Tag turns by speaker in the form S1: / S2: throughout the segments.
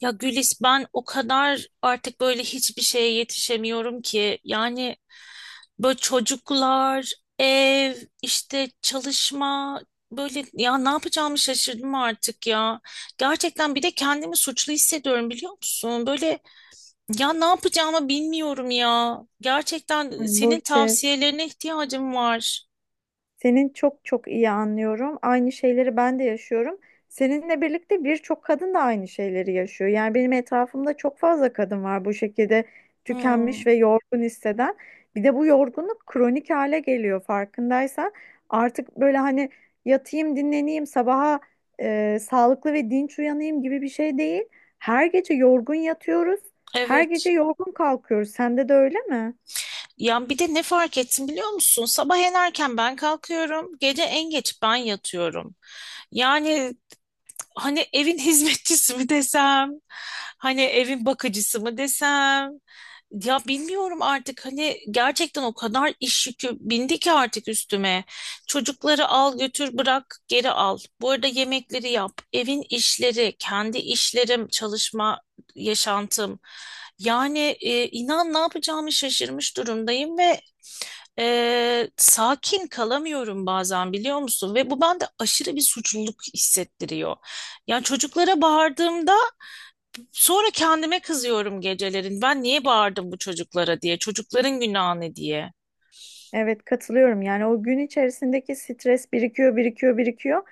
S1: Ya Gülis ben o kadar artık böyle hiçbir şeye yetişemiyorum ki. Yani böyle çocuklar, ev, işte çalışma böyle ya ne yapacağımı şaşırdım artık ya. Gerçekten bir de kendimi suçlu hissediyorum biliyor musun? Böyle ya ne yapacağımı bilmiyorum ya. Gerçekten
S2: Ay,
S1: senin
S2: Burçin,
S1: tavsiyelerine ihtiyacım var.
S2: senin çok çok iyi anlıyorum. Aynı şeyleri ben de yaşıyorum. Seninle birlikte birçok kadın da aynı şeyleri yaşıyor. Yani benim etrafımda çok fazla kadın var bu şekilde
S1: Hmm,
S2: tükenmiş ve yorgun hisseden. Bir de bu yorgunluk kronik hale geliyor farkındaysan. Artık böyle hani yatayım dinleneyim sabaha sağlıklı ve dinç uyanayım gibi bir şey değil. Her gece yorgun yatıyoruz. Her
S1: evet.
S2: gece yorgun kalkıyoruz. Sende de öyle mi?
S1: Ya bir de ne fark ettim biliyor musun? Sabah en erken ben kalkıyorum, gece en geç ben yatıyorum. Yani hani evin hizmetçisi mi desem, hani evin bakıcısı mı desem. Ya bilmiyorum artık hani gerçekten o kadar iş yükü bindi ki artık üstüme. Çocukları al götür bırak geri al. Bu arada yemekleri yap. Evin işleri, kendi işlerim, çalışma yaşantım. Yani inan ne yapacağımı şaşırmış durumdayım ve sakin kalamıyorum bazen biliyor musun? Ve bu bende aşırı bir suçluluk hissettiriyor. Yani çocuklara bağırdığımda sonra kendime kızıyorum gecelerin. Ben niye bağırdım bu çocuklara diye, çocukların günahı ne diye.
S2: Evet, katılıyorum. Yani o gün içerisindeki stres birikiyor, birikiyor, birikiyor.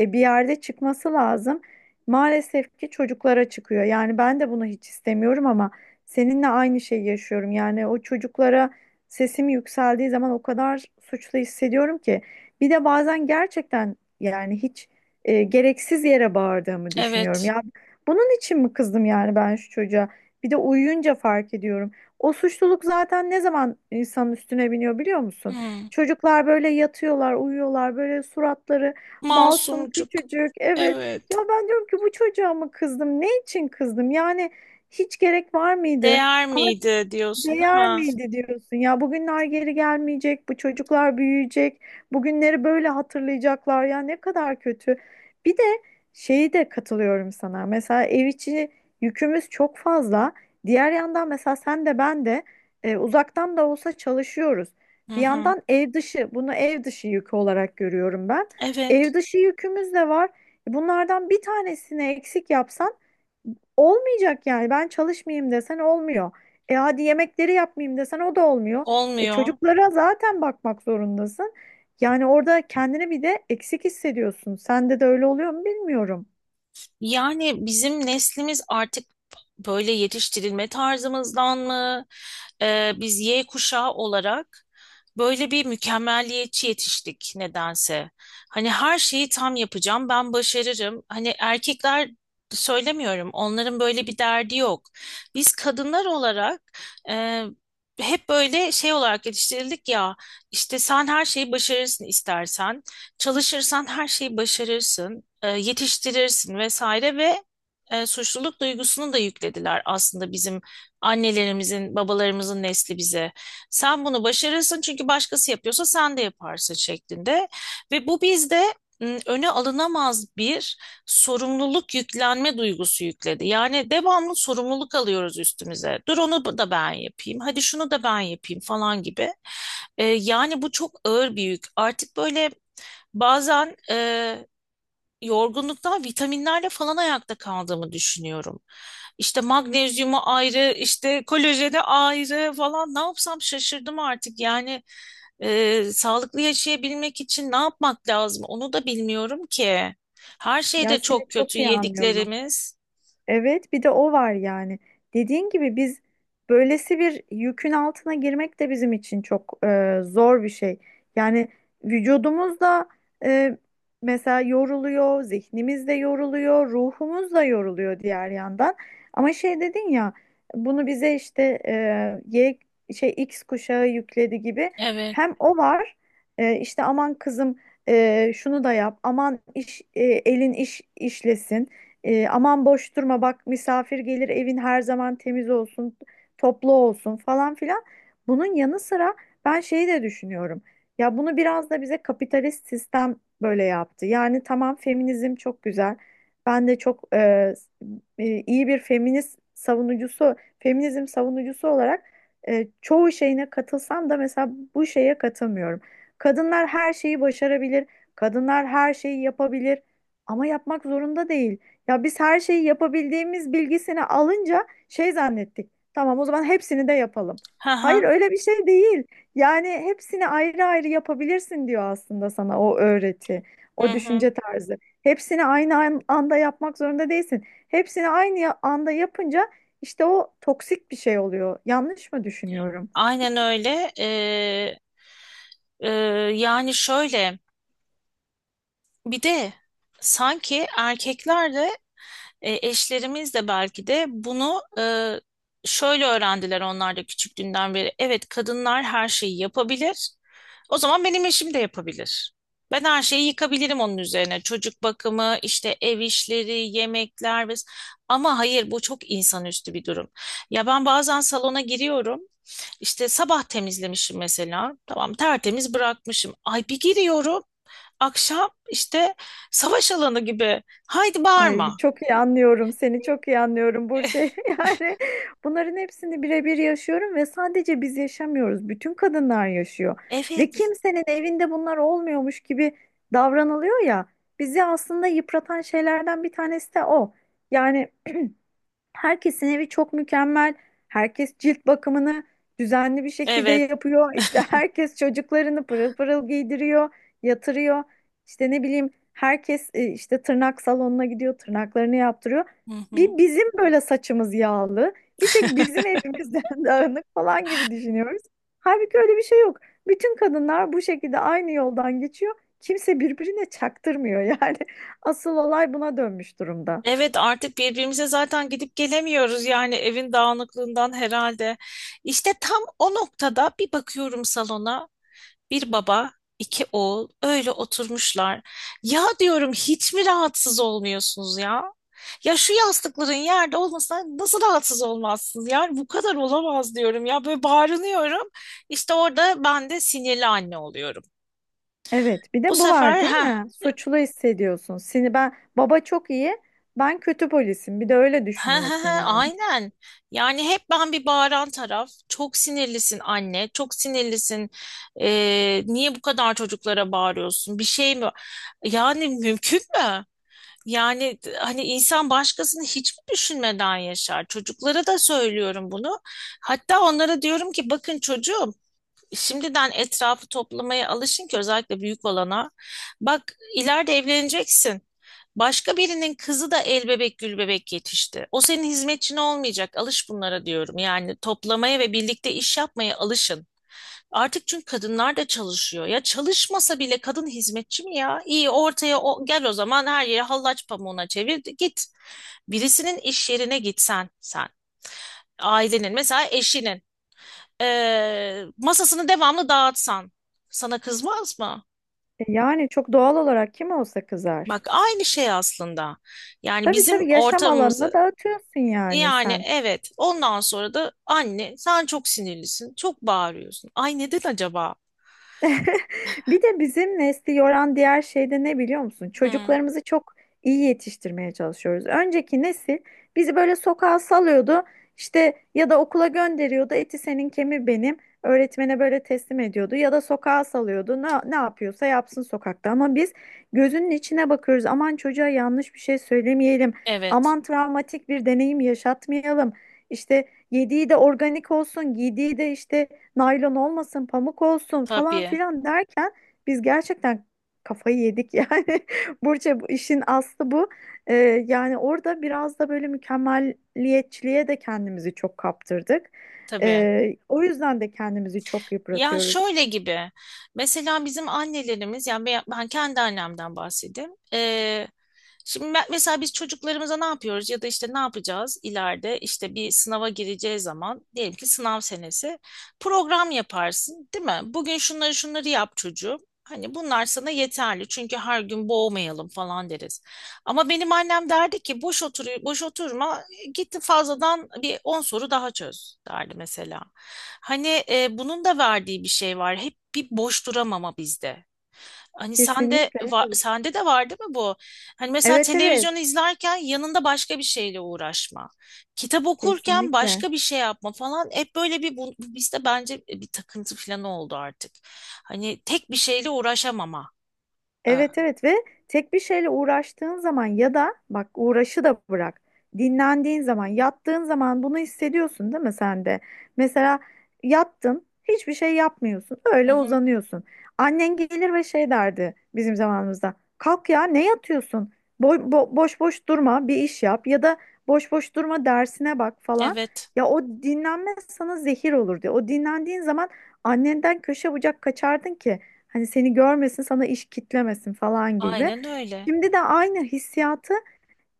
S2: E bir yerde çıkması lazım. Maalesef ki çocuklara çıkıyor. Yani ben de bunu hiç istemiyorum ama seninle aynı şeyi yaşıyorum. Yani o çocuklara sesim yükseldiği zaman o kadar suçlu hissediyorum ki. Bir de bazen gerçekten yani hiç gereksiz yere bağırdığımı düşünüyorum.
S1: Evet.
S2: Ya bunun için mi kızdım yani ben şu çocuğa? Bir de uyuyunca fark ediyorum. O suçluluk zaten ne zaman insanın üstüne biniyor biliyor musun?
S1: Hmm.
S2: Çocuklar böyle yatıyorlar, uyuyorlar, böyle suratları masum,
S1: Masumcuk.
S2: küçücük. Evet.
S1: Evet.
S2: Ya ben diyorum ki bu çocuğa mı kızdım? Ne için kızdım? Yani hiç gerek var mıydı?
S1: Değer miydi diyorsun değil
S2: Değer
S1: mi?
S2: miydi diyorsun, ya bugünler geri gelmeyecek, bu çocuklar büyüyecek, bugünleri böyle hatırlayacaklar ya ne kadar kötü. Bir de şeyi de katılıyorum sana, mesela ev içi yükümüz çok fazla, diğer yandan mesela sen de ben de uzaktan da olsa çalışıyoruz.
S1: Hı
S2: Bir
S1: hı.
S2: yandan ev dışı, bunu ev dışı yükü olarak görüyorum ben, ev
S1: Evet,
S2: dışı yükümüz de var. Bunlardan bir tanesini eksik yapsan olmayacak yani. Ben çalışmayayım desen olmuyor. E hadi yemekleri yapmayayım desen o da olmuyor. E
S1: olmuyor.
S2: çocuklara zaten bakmak zorundasın. Yani orada kendini bir de eksik hissediyorsun. Sende de öyle oluyor mu bilmiyorum.
S1: Yani bizim neslimiz artık böyle yetiştirilme tarzımızdan mı? Biz Y kuşağı olarak böyle bir mükemmeliyetçi yetiştik nedense. Hani her şeyi tam yapacağım, ben başarırım. Hani erkekler söylemiyorum, onların böyle bir derdi yok. Biz kadınlar olarak e, hep böyle şey olarak yetiştirildik ya. İşte sen her şeyi başarırsın istersen, çalışırsan her şeyi başarırsın, yetiştirirsin vesaire ve suçluluk duygusunu da yüklediler aslında bizim annelerimizin, babalarımızın nesli bize. Sen bunu başarırsın çünkü başkası yapıyorsa sen de yaparsın şeklinde. Ve bu bizde öne alınamaz bir sorumluluk yüklenme duygusu yükledi. Yani devamlı sorumluluk alıyoruz üstümüze. Dur onu da ben yapayım, hadi şunu da ben yapayım falan gibi. Yani bu çok ağır bir yük. Artık böyle bazen yorgunluktan vitaminlerle falan ayakta kaldığımı düşünüyorum. İşte magnezyumu ayrı, işte kolajeni ayrı falan ne yapsam şaşırdım artık. Yani sağlıklı yaşayabilmek için ne yapmak lazım onu da bilmiyorum ki. Her şey
S2: Ya
S1: de
S2: seni
S1: çok kötü
S2: çok iyi anlıyorum.
S1: yediklerimiz.
S2: Evet, bir de o var yani. Dediğin gibi biz böylesi bir yükün altına girmek de bizim için çok zor bir şey. Yani vücudumuz da e, mesela yoruluyor, zihnimiz de yoruluyor, ruhumuz da yoruluyor diğer yandan. Ama şey dedin ya, bunu bize işte Y şey X kuşağı yükledi gibi.
S1: Evet.
S2: Hem o var, işte aman kızım şunu da yap, aman iş elin iş işlesin. E, aman boş durma bak misafir gelir evin her zaman temiz olsun, toplu olsun falan filan. Bunun yanı sıra ben şeyi de düşünüyorum. Ya bunu biraz da bize kapitalist sistem böyle yaptı. Yani tamam feminizm çok güzel. Ben de çok iyi bir feminist savunucusu, feminizm savunucusu olarak çoğu şeyine katılsam da mesela bu şeye katılmıyorum. Kadınlar her şeyi başarabilir, kadınlar her şeyi yapabilir ama yapmak zorunda değil. Ya biz her şeyi yapabildiğimiz bilgisini alınca şey zannettik. Tamam o zaman hepsini de yapalım.
S1: Hı
S2: Hayır
S1: hı,
S2: öyle bir şey değil. Yani hepsini ayrı ayrı yapabilirsin diyor aslında sana o öğreti,
S1: hı
S2: o
S1: hı.
S2: düşünce tarzı. Hepsini aynı anda yapmak zorunda değilsin. Hepsini aynı anda yapınca işte o toksik bir şey oluyor. Yanlış mı düşünüyorum?
S1: Aynen öyle. E, yani şöyle bir de sanki erkeklerde, eşlerimiz de belki de bunu şöyle öğrendiler onlar da küçüklüğünden beri. Evet kadınlar her şeyi yapabilir. O zaman benim eşim de yapabilir. Ben her şeyi yıkabilirim onun üzerine. Çocuk bakımı, işte ev işleri, yemekler ve... Ama hayır bu çok insanüstü bir durum. Ya ben bazen salona giriyorum. İşte sabah temizlemişim mesela. Tamam tertemiz bırakmışım. Ay bir giriyorum. Akşam işte savaş alanı gibi. Haydi
S2: Ay
S1: bağırma.
S2: çok iyi anlıyorum seni, çok iyi anlıyorum Burçe. Yani bunların hepsini birebir yaşıyorum ve sadece biz yaşamıyoruz. Bütün kadınlar yaşıyor. Ve
S1: Evet.
S2: kimsenin evinde bunlar olmuyormuş gibi davranılıyor ya. Bizi aslında yıpratan şeylerden bir tanesi de o. Yani herkesin evi çok mükemmel. Herkes cilt bakımını düzenli bir şekilde
S1: Evet.
S2: yapıyor. İşte herkes çocuklarını pırıl pırıl giydiriyor, yatırıyor. İşte ne bileyim herkes işte tırnak salonuna gidiyor, tırnaklarını yaptırıyor.
S1: Hı
S2: Bir
S1: hı.
S2: bizim böyle saçımız yağlı, bir tek bizim evimizden dağınık falan gibi düşünüyoruz. Halbuki öyle bir şey yok. Bütün kadınlar bu şekilde aynı yoldan geçiyor. Kimse birbirine çaktırmıyor yani. Asıl olay buna dönmüş durumda.
S1: Evet artık birbirimize zaten gidip gelemiyoruz yani evin dağınıklığından herhalde. İşte tam o noktada bir bakıyorum salona bir baba iki oğul öyle oturmuşlar. Ya diyorum hiç mi rahatsız olmuyorsunuz ya? Ya şu yastıkların yerde olmasa nasıl rahatsız olmazsınız? Yani bu kadar olamaz diyorum ya böyle bağırınıyorum. İşte orada ben de sinirli anne oluyorum.
S2: Evet, bir de
S1: Bu
S2: bu
S1: sefer
S2: var değil
S1: ha
S2: mi? Suçlu hissediyorsun. Seni ben, baba çok iyi, ben kötü polisim. Bir de öyle
S1: He he
S2: düşünüyorsun
S1: he
S2: yani.
S1: aynen. Yani hep ben bir bağıran taraf. Çok sinirlisin anne, çok sinirlisin. Niye bu kadar çocuklara bağırıyorsun? Bir şey mi? Yani mümkün mü? Yani hani insan başkasını hiç mi düşünmeden yaşar? Çocuklara da söylüyorum bunu. Hatta onlara diyorum ki bakın çocuğum şimdiden etrafı toplamaya alışın ki özellikle büyük olana. Bak ileride evleneceksin. Başka birinin kızı da el bebek gül bebek yetişti. O senin hizmetçin olmayacak. Alış bunlara diyorum. Yani toplamaya ve birlikte iş yapmaya alışın. Artık çünkü kadınlar da çalışıyor. Ya çalışmasa bile kadın hizmetçi mi ya? İyi ortaya o, gel o zaman her yeri hallaç pamuğuna çevir git. Birisinin iş yerine gitsen sen. Ailenin mesela eşinin masasını devamlı dağıtsan sana kızmaz mı?
S2: E yani çok doğal olarak kim olsa kızar.
S1: Bak aynı şey aslında. Yani
S2: Tabii
S1: bizim
S2: tabii, yaşam
S1: ortamımız.
S2: alanını dağıtıyorsun yani
S1: Yani
S2: sen.
S1: evet. Ondan sonra da anne sen çok sinirlisin. Çok bağırıyorsun. Ay neden acaba?
S2: Bir de bizim nesli yoran diğer şey de ne biliyor musun?
S1: Hmm,
S2: Çocuklarımızı çok iyi yetiştirmeye çalışıyoruz. Önceki nesil bizi böyle sokağa salıyordu. İşte ya da okula gönderiyordu. Eti senin kemiği benim. Öğretmene böyle teslim ediyordu ya da sokağa salıyordu. Ne, ne yapıyorsa yapsın sokakta. Ama biz gözünün içine bakıyoruz. Aman çocuğa yanlış bir şey söylemeyelim.
S1: evet.
S2: Aman travmatik bir deneyim yaşatmayalım. İşte yediği de organik olsun, giydiği de işte naylon olmasın, pamuk olsun falan
S1: Tabii.
S2: filan derken biz gerçekten kafayı yedik yani. Burça bu işin aslı bu. Ee, Yani orada biraz da böyle mükemmelliyetçiliğe de kendimizi çok kaptırdık.
S1: Tabii.
S2: O yüzden de kendimizi çok
S1: Ya
S2: yıpratıyoruz.
S1: şöyle gibi. Mesela bizim annelerimiz yani ben kendi annemden bahsedeyim. Şimdi mesela biz çocuklarımıza ne yapıyoruz ya da işte ne yapacağız ileride işte bir sınava gireceği zaman diyelim ki sınav senesi program yaparsın değil mi? Bugün şunları şunları yap çocuğum. Hani bunlar sana yeterli çünkü her gün boğmayalım falan deriz. Ama benim annem derdi ki boş oturma gitti fazladan bir 10 soru daha çöz derdi mesela. Hani bunun da verdiği bir şey var. Hep bir boş duramama bizde. Hani sende
S2: Kesinlikle
S1: var,
S2: evet.
S1: sende de var değil mi bu? Hani mesela
S2: Evet evet,
S1: televizyon izlerken yanında başka bir şeyle uğraşma. Kitap okurken
S2: kesinlikle.
S1: başka bir şey yapma falan. Hep böyle bir bu bizde bence bir takıntı falan oldu artık. Hani tek bir şeyle uğraşamama. Ee,
S2: Evet evet ve tek bir şeyle uğraştığın zaman, ya da bak uğraşı da bırak. Dinlendiğin zaman, yattığın zaman bunu hissediyorsun değil mi sen de? Mesela yattın, hiçbir şey yapmıyorsun.
S1: Hı
S2: Öyle
S1: hı.
S2: uzanıyorsun. Annen gelir ve şey derdi bizim zamanımızda. Kalk ya ne yatıyorsun? Boş boş durma, bir iş yap ya da boş boş durma, dersine bak falan.
S1: Evet.
S2: Ya o dinlenme sana zehir olur diye. O dinlendiğin zaman annenden köşe bucak kaçardın ki. Hani seni görmesin, sana iş kitlemesin falan gibi.
S1: Aynen öyle.
S2: Şimdi de aynı hissiyatı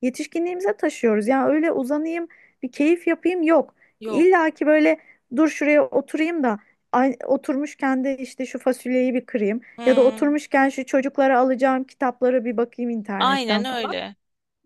S2: yetişkinliğimize taşıyoruz. Ya öyle uzanayım, bir keyif yapayım yok.
S1: Yok.
S2: İlla ki böyle dur şuraya oturayım da oturmuşken de işte şu fasulyeyi bir kırayım ya da
S1: Hmm.
S2: oturmuşken şu çocuklara alacağım kitaplara bir bakayım internetten,
S1: Aynen öyle.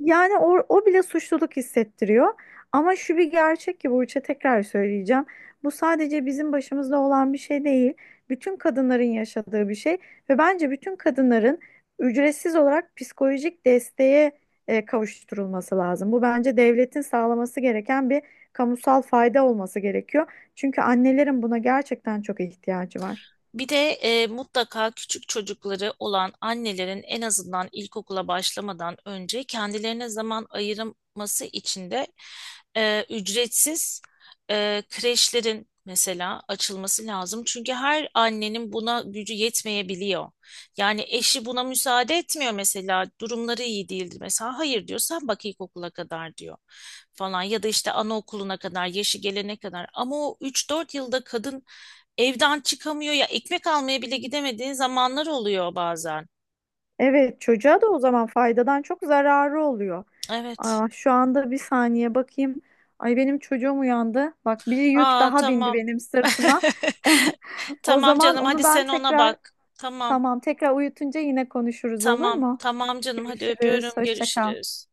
S2: yani o, o bile suçluluk hissettiriyor. Ama şu bir gerçek ki Burç'a tekrar söyleyeceğim. Bu sadece bizim başımızda olan bir şey değil. Bütün kadınların yaşadığı bir şey ve bence bütün kadınların ücretsiz olarak psikolojik desteğe kavuşturulması lazım. Bu bence devletin sağlaması gereken bir kamusal fayda olması gerekiyor. Çünkü annelerin buna gerçekten çok ihtiyacı var.
S1: Bir de mutlaka küçük çocukları olan annelerin en azından ilkokula başlamadan önce kendilerine zaman ayırması için de ücretsiz kreşlerin mesela açılması lazım. Çünkü her annenin buna gücü yetmeyebiliyor. Yani eşi buna müsaade etmiyor mesela durumları iyi değildir. Mesela hayır diyor sen bak ilkokula kadar diyor falan ya da işte anaokuluna kadar yaşı gelene kadar. Ama o 3-4 yılda kadın evden çıkamıyor ya ekmek almaya bile gidemediği zamanlar oluyor bazen.
S2: Evet, çocuğa da o zaman faydadan çok zararı oluyor.
S1: Evet.
S2: Aa, şu anda bir saniye bakayım. Ay benim çocuğum uyandı. Bak bir yük
S1: Aa
S2: daha bindi
S1: tamam.
S2: benim sırtıma. O
S1: Tamam
S2: zaman
S1: canım
S2: onu
S1: hadi
S2: ben
S1: sen ona
S2: tekrar,
S1: bak. Tamam.
S2: tamam tekrar uyutunca yine konuşuruz olur
S1: Tamam.
S2: mu?
S1: Tamam canım hadi
S2: Görüşürüz.
S1: öpüyorum
S2: Hoşça kal.
S1: görüşürüz.